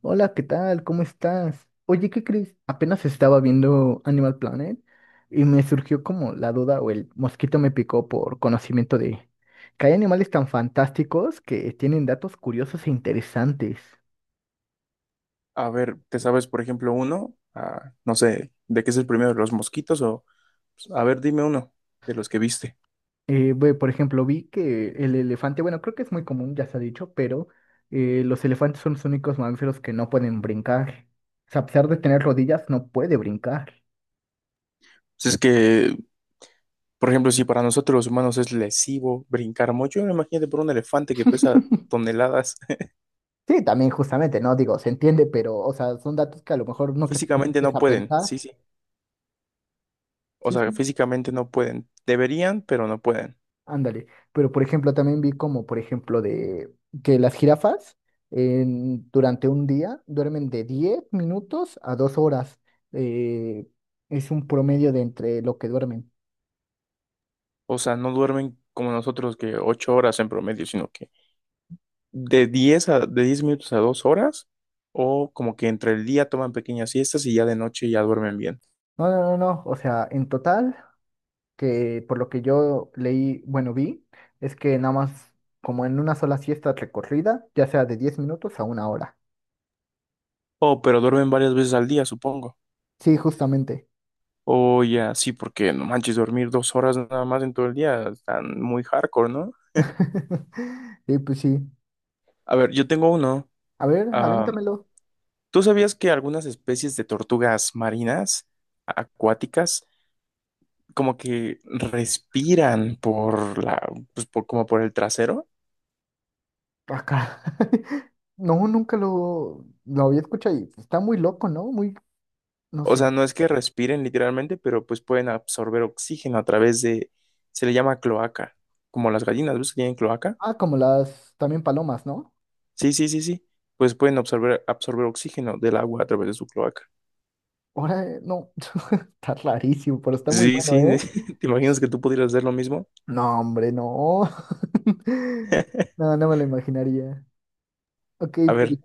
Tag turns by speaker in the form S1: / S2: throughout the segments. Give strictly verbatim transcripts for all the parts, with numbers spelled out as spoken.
S1: Hola, ¿qué tal? ¿Cómo estás? Oye, ¿qué crees? Apenas estaba viendo Animal Planet y me surgió como la duda o el mosquito me picó por conocimiento de que hay animales tan fantásticos que tienen datos curiosos e interesantes.
S2: A ver, ¿te sabes, por ejemplo, uno? Ah, no sé, ¿de qué es el primero? ¿Los mosquitos? O, pues, a ver, dime uno de los que viste.
S1: Eh, ve, por ejemplo, vi que el elefante, bueno, creo que es muy común, ya se ha dicho, pero eh, los elefantes son los únicos mamíferos que no pueden brincar. O sea, a pesar de tener rodillas, no puede brincar.
S2: Si es que, por ejemplo, si para nosotros los humanos es lesivo brincar mucho, imagínate por un elefante que pesa toneladas.
S1: Sí, también justamente, ¿no? Digo, se entiende, pero, o sea, son datos que a lo mejor no que te
S2: Físicamente
S1: pusiste
S2: no
S1: a
S2: pueden,
S1: pensar.
S2: sí, sí. O
S1: Sí,
S2: sea,
S1: sí,
S2: físicamente no pueden. Deberían, pero no pueden.
S1: ándale. Pero, por ejemplo, también vi como, por ejemplo, de que las jirafas en- durante un día duermen de diez minutos a dos horas. Eh, es un promedio de entre lo que duermen.
S2: O sea, no duermen como nosotros que ocho horas en promedio, sino que de diez a, de diez minutos a dos horas, o como que entre el día toman pequeñas siestas y ya de noche ya duermen bien.
S1: No, no, no, no. O sea, en total, que por lo que yo leí, bueno, vi, es que nada más como en una sola siesta recorrida, ya sea de diez minutos a una hora.
S2: Oh, pero duermen varias veces al día, supongo.
S1: Sí, justamente.
S2: Oh, ya, sí, porque no manches, dormir dos horas nada más en todo el día, están muy hardcore, ¿no?
S1: Y pues sí.
S2: A ver, yo tengo uno.
S1: A ver,
S2: Ah,
S1: avéntamelo.
S2: ¿tú sabías que algunas especies de tortugas marinas, acuáticas, como que respiran por la, pues por, como por el trasero?
S1: Acá. No, nunca lo, lo había escuchado y está muy loco, ¿no? Muy, no
S2: O
S1: sé.
S2: sea, no es que respiren literalmente, pero pues pueden absorber oxígeno a través de, se le llama cloaca, como las gallinas, ¿ves que tienen cloaca?
S1: Ah, como las también palomas, ¿no?
S2: Sí, sí, sí, sí. Pues pueden absorber, absorber oxígeno del agua a través de su cloaca.
S1: Ahora, eh, no. Está rarísimo, pero está muy
S2: Sí,
S1: bueno,
S2: sí.
S1: ¿eh?
S2: ¿Te imaginas que tú pudieras hacer lo mismo?
S1: No, hombre, no. No, no me lo imaginaría. Ok,
S2: A
S1: pero
S2: ver,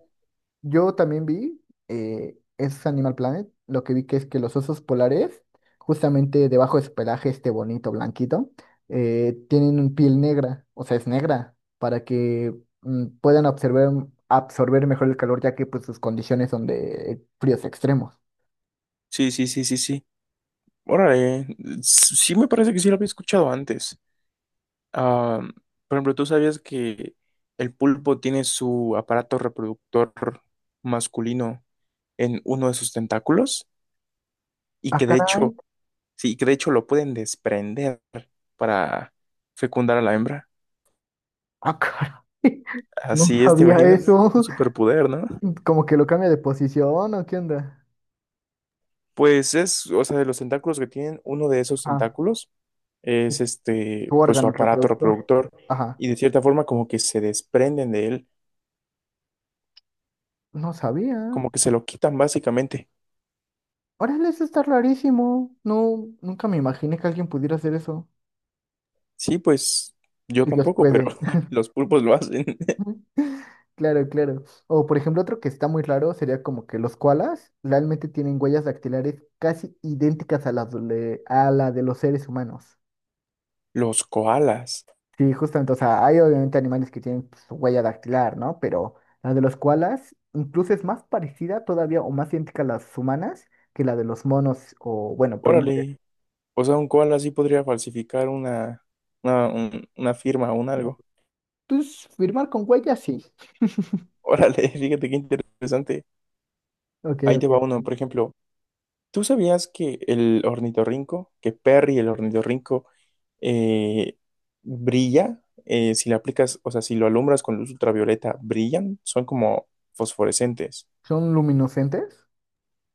S1: yo también vi, eh, es Animal Planet, lo que vi que es que los osos polares, justamente debajo de su pelaje este bonito blanquito, eh, tienen un piel negra, o sea, es negra, para que mm, puedan absorber, absorber mejor el calor, ya que pues sus condiciones son de fríos extremos.
S2: sí, sí, sí, sí, sí. Órale, s- sí me parece que sí lo había escuchado antes. Ah, por ejemplo, ¿tú sabías que el pulpo tiene su aparato reproductor masculino en uno de sus tentáculos? Y
S1: Ah,
S2: que de
S1: caray,
S2: hecho, sí, que de hecho lo pueden desprender para fecundar a la hembra.
S1: ah, caray, no
S2: Así es, ¿te
S1: sabía
S2: imaginas? Un
S1: eso,
S2: superpoder, ¿no?
S1: como que lo cambia de posición, ¿o qué onda?
S2: Pues es, o sea, de los tentáculos que tienen, uno de esos
S1: Ah,
S2: tentáculos es
S1: es su
S2: este, pues su
S1: órgano
S2: aparato
S1: reproductor,
S2: reproductor
S1: ajá,
S2: y de cierta forma como que se desprenden de él,
S1: no sabía.
S2: como que se lo quitan básicamente.
S1: Órale, eso está rarísimo. No, nunca me imaginé que alguien pudiera hacer eso.
S2: Sí, pues yo
S1: Ellos
S2: tampoco, pero
S1: pueden.
S2: los pulpos lo hacen.
S1: Claro, claro. O por ejemplo, otro que está muy raro sería como que los koalas realmente tienen huellas dactilares casi idénticas a las de, a la de los seres humanos.
S2: Los koalas,
S1: Sí, justamente, o sea, hay obviamente animales que tienen pues, su huella dactilar, ¿no? Pero la de los koalas incluso es más parecida todavía o más idéntica a las humanas que la de los monos o, bueno, primates.
S2: órale, o sea, un koala sí podría falsificar una, una, un- una firma o un algo.
S1: Entonces, firmar con huellas, sí.
S2: Órale, fíjate qué interesante.
S1: Ok,
S2: Ahí te
S1: ok.
S2: va uno, por ejemplo. ¿Tú sabías que el ornitorrinco, que Perry el ornitorrinco eh, brilla? Eh, si le aplicas, o sea, si lo alumbras con luz ultravioleta, brillan, son como fosforescentes.
S1: ¿Son luminiscentes?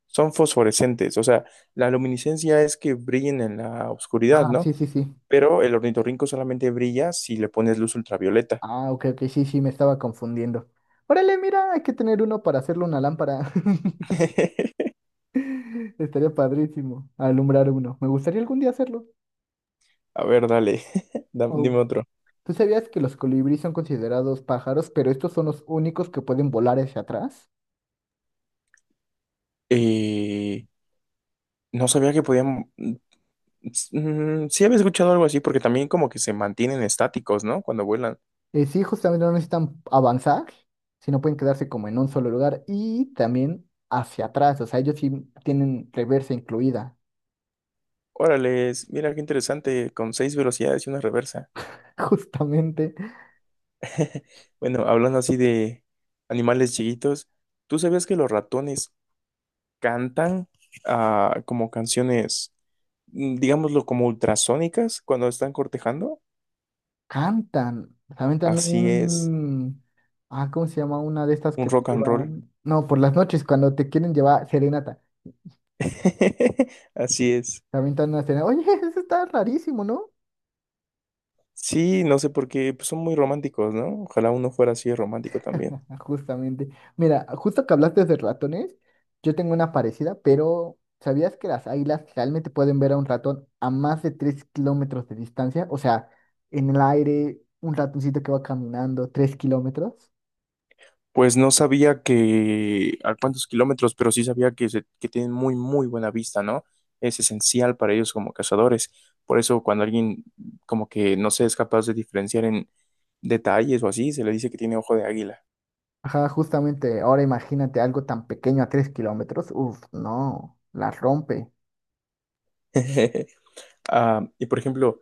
S2: Son fosforescentes, o sea, la luminiscencia es que brillen en la oscuridad,
S1: Ah,
S2: ¿no?
S1: sí, sí, sí.
S2: Pero el ornitorrinco solamente brilla si le pones luz ultravioleta.
S1: Ah, ok, ok, sí, sí, me estaba confundiendo. Órale, mira, hay que tener uno para hacerle una lámpara. Estaría padrísimo alumbrar uno. Me gustaría algún día hacerlo.
S2: A ver, dale, Da- dime
S1: Oh,
S2: otro.
S1: ¿tú sabías que los colibríes son considerados pájaros, pero estos son los únicos que pueden volar hacia atrás?
S2: Eh, no sabía que podían. S- mm, sí había escuchado algo así, porque también como que se mantienen estáticos, ¿no? Cuando vuelan.
S1: Eh, sí, justamente no necesitan avanzar, sino pueden quedarse como en un solo lugar y también hacia atrás. O sea, ellos sí tienen reversa incluida,
S2: Órale, mira qué interesante, con seis velocidades y una reversa.
S1: justamente.
S2: Bueno, hablando así de animales chiquitos, ¿tú sabías que los ratones cantan ah, como canciones, mm, digámoslo, como ultrasónicas cuando están cortejando?
S1: Cantan, se aventan
S2: Así es,
S1: un... Ah, ¿cómo se llama? Una de estas
S2: un
S1: que te
S2: rock and roll.
S1: llevan... No, por las noches cuando te quieren llevar serenata.
S2: Así es.
S1: Se aventan una serenata. Oye, eso está rarísimo, ¿no?
S2: Sí, no sé por qué, pues son muy románticos, ¿no? Ojalá uno fuera así de romántico también.
S1: Justamente. Mira, justo que hablaste de ratones, yo tengo una parecida, pero ¿sabías que las águilas realmente pueden ver a un ratón a más de tres kilómetros de distancia? O sea, en el aire, un ratoncito que va caminando tres kilómetros.
S2: Pues no sabía que a cuántos kilómetros, pero sí sabía que, se- que tienen muy, muy buena vista, ¿no? Es esencial para ellos como cazadores. Por eso cuando alguien como que no se es capaz de diferenciar en detalles o así, se le dice que tiene ojo de águila.
S1: Ajá, justamente, ahora imagínate algo tan pequeño a tres kilómetros. Uf, no, la rompe.
S2: Ah, y por ejemplo,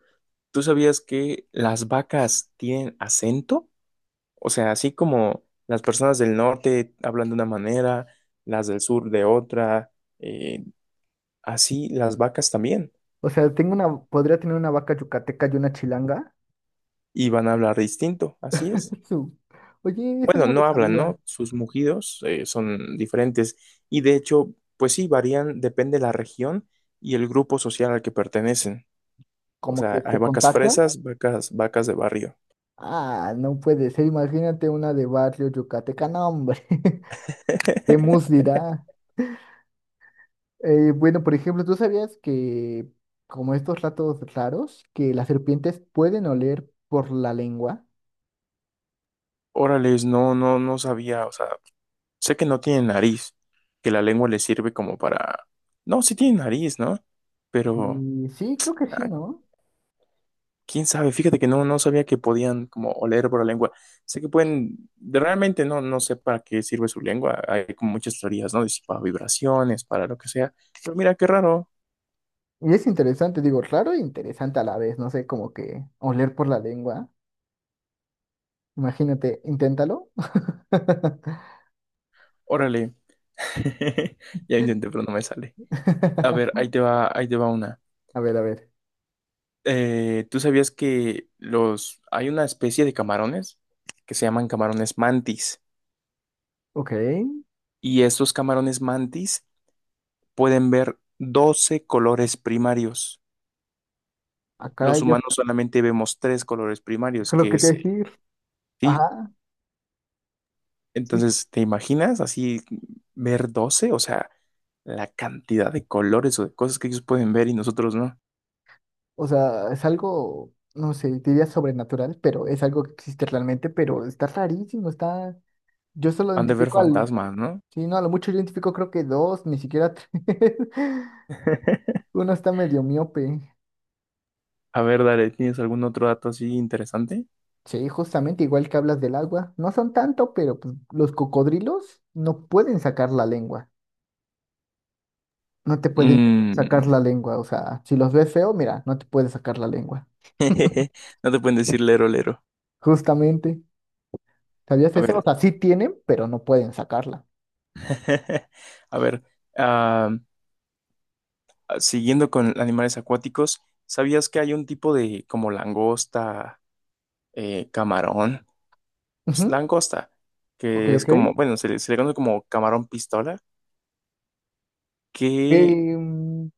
S2: ¿tú sabías que las vacas tienen acento? O sea, así como las personas del norte hablan de una manera, las del sur de otra, eh, así las vacas también.
S1: O sea, tengo una, podría tener una vaca yucateca y una chilanga.
S2: Y van a hablar distinto, así es.
S1: Su- Oye, eso
S2: Bueno,
S1: no lo
S2: no hablan,
S1: sabía.
S2: ¿no? Sus mugidos eh, son diferentes y de hecho, pues sí, varían, depende de la región y el grupo social al que pertenecen. O
S1: Como
S2: sea,
S1: que
S2: hay
S1: se
S2: vacas
S1: contagian.
S2: fresas, vacas, vacas de barrio.
S1: Ah, no puede ser. Imagínate una de barrio yucateca. No, hombre. ¿Qué mus dirá? Eh, bueno, por ejemplo, ¿tú sabías que, como estos ratos raros, que las serpientes pueden oler por la lengua?
S2: Órales, no, no, no sabía, o sea, sé que no tiene nariz, que la lengua le sirve como para... No, sí tiene nariz, ¿no? Pero,
S1: Y sí, creo que sí,
S2: ah,
S1: ¿no?
S2: quién sabe, fíjate que no, no sabía que podían como oler por la lengua. Sé que pueden, de- realmente no, no sé para qué sirve su lengua. Hay como muchas teorías, ¿no? De si para vibraciones, para lo que sea. Pero mira, qué raro.
S1: Y es interesante, digo, raro e interesante a la vez, no sé, como que oler por la lengua. Imagínate, inténtalo.
S2: Órale. Ya intenté, pero no me sale. A ver, ahí te va, ahí te va una.
S1: A ver, a ver.
S2: Eh, ¿tú sabías que los, hay una especie de camarones que se llaman camarones mantis?
S1: Ok.
S2: Y estos camarones mantis pueden ver doce colores primarios.
S1: Acá
S2: Los
S1: yo
S2: humanos solamente vemos tres colores
S1: es
S2: primarios,
S1: lo
S2: que
S1: que te
S2: es el
S1: decir.
S2: sí.
S1: Ajá, sí.
S2: Entonces, ¿te imaginas así ver doce, o sea, la cantidad de colores o de cosas que ellos pueden ver y nosotros no.
S1: O sea, es algo, no sé, diría sobrenatural, pero es algo que existe realmente, pero está rarísimo, está... Yo solo
S2: Han de ver
S1: identifico al...
S2: fantasmas, ¿no?
S1: Sí, no, a lo mucho yo identifico creo que dos, ni siquiera tres. Uno está medio miope.
S2: A ver, dale, ¿tienes algún otro dato así interesante?
S1: Sí, justamente igual que hablas del agua, no son tanto, pero pues, los cocodrilos no pueden sacar la lengua, no te pueden sacar
S2: Mm,
S1: la lengua, o sea, si los ves feo, mira, no te pueden sacar la lengua,
S2: No te pueden decir lero, lero.
S1: justamente, ¿sabías
S2: A
S1: eso? O
S2: ver,
S1: sea, sí tienen, pero no pueden sacarla.
S2: a ver, ah, siguiendo con animales acuáticos, ¿sabías que hay un tipo de como langosta, eh, camarón? Pues,
S1: Ujú,
S2: langosta,
S1: ok,
S2: que es
S1: ok.
S2: como, bueno, se le, se le conoce como camarón pistola, que
S1: Em,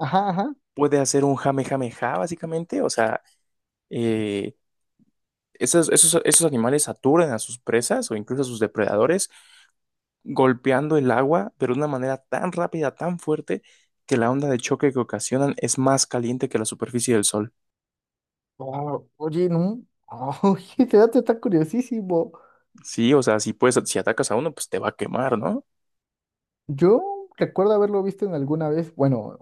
S1: ajá, ajá.
S2: puede hacer un jamejameja, básicamente. O sea, eh, esos, esos, esos animales saturan a sus presas o incluso a sus depredadores, golpeando el agua, pero de una manera tan rápida, tan fuerte, que la onda de choque que ocasionan es más caliente que la superficie del sol.
S1: Ah, oye, no, oye, ese dato está curiosísimo.
S2: Sí, o sea, si puedes, si atacas a uno, pues te va a quemar, ¿no?
S1: Yo recuerdo haberlo visto en alguna vez, bueno,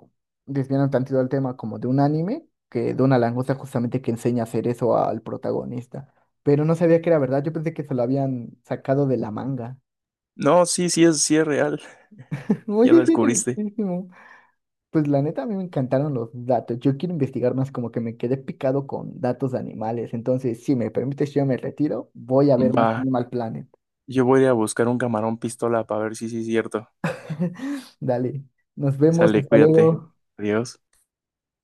S1: desviando tantito al tema como de un anime, que de una langosta justamente que enseña a hacer eso al protagonista, pero no sabía que era verdad, yo pensé que se lo habían sacado de la manga.
S2: No, sí, sí es, sí es real, ya
S1: Oye,
S2: lo
S1: es
S2: descubriste.
S1: interesantísimo. Pues la neta a mí me encantaron los datos, yo quiero investigar más, como que me quedé picado con datos de animales, entonces si me permites yo me retiro, voy a ver más
S2: Va,
S1: Animal Planet.
S2: yo voy a ir a buscar un camarón pistola para ver si sí es cierto.
S1: Dale, nos vemos,
S2: Sale,
S1: hasta
S2: cuídate.
S1: luego.
S2: Adiós.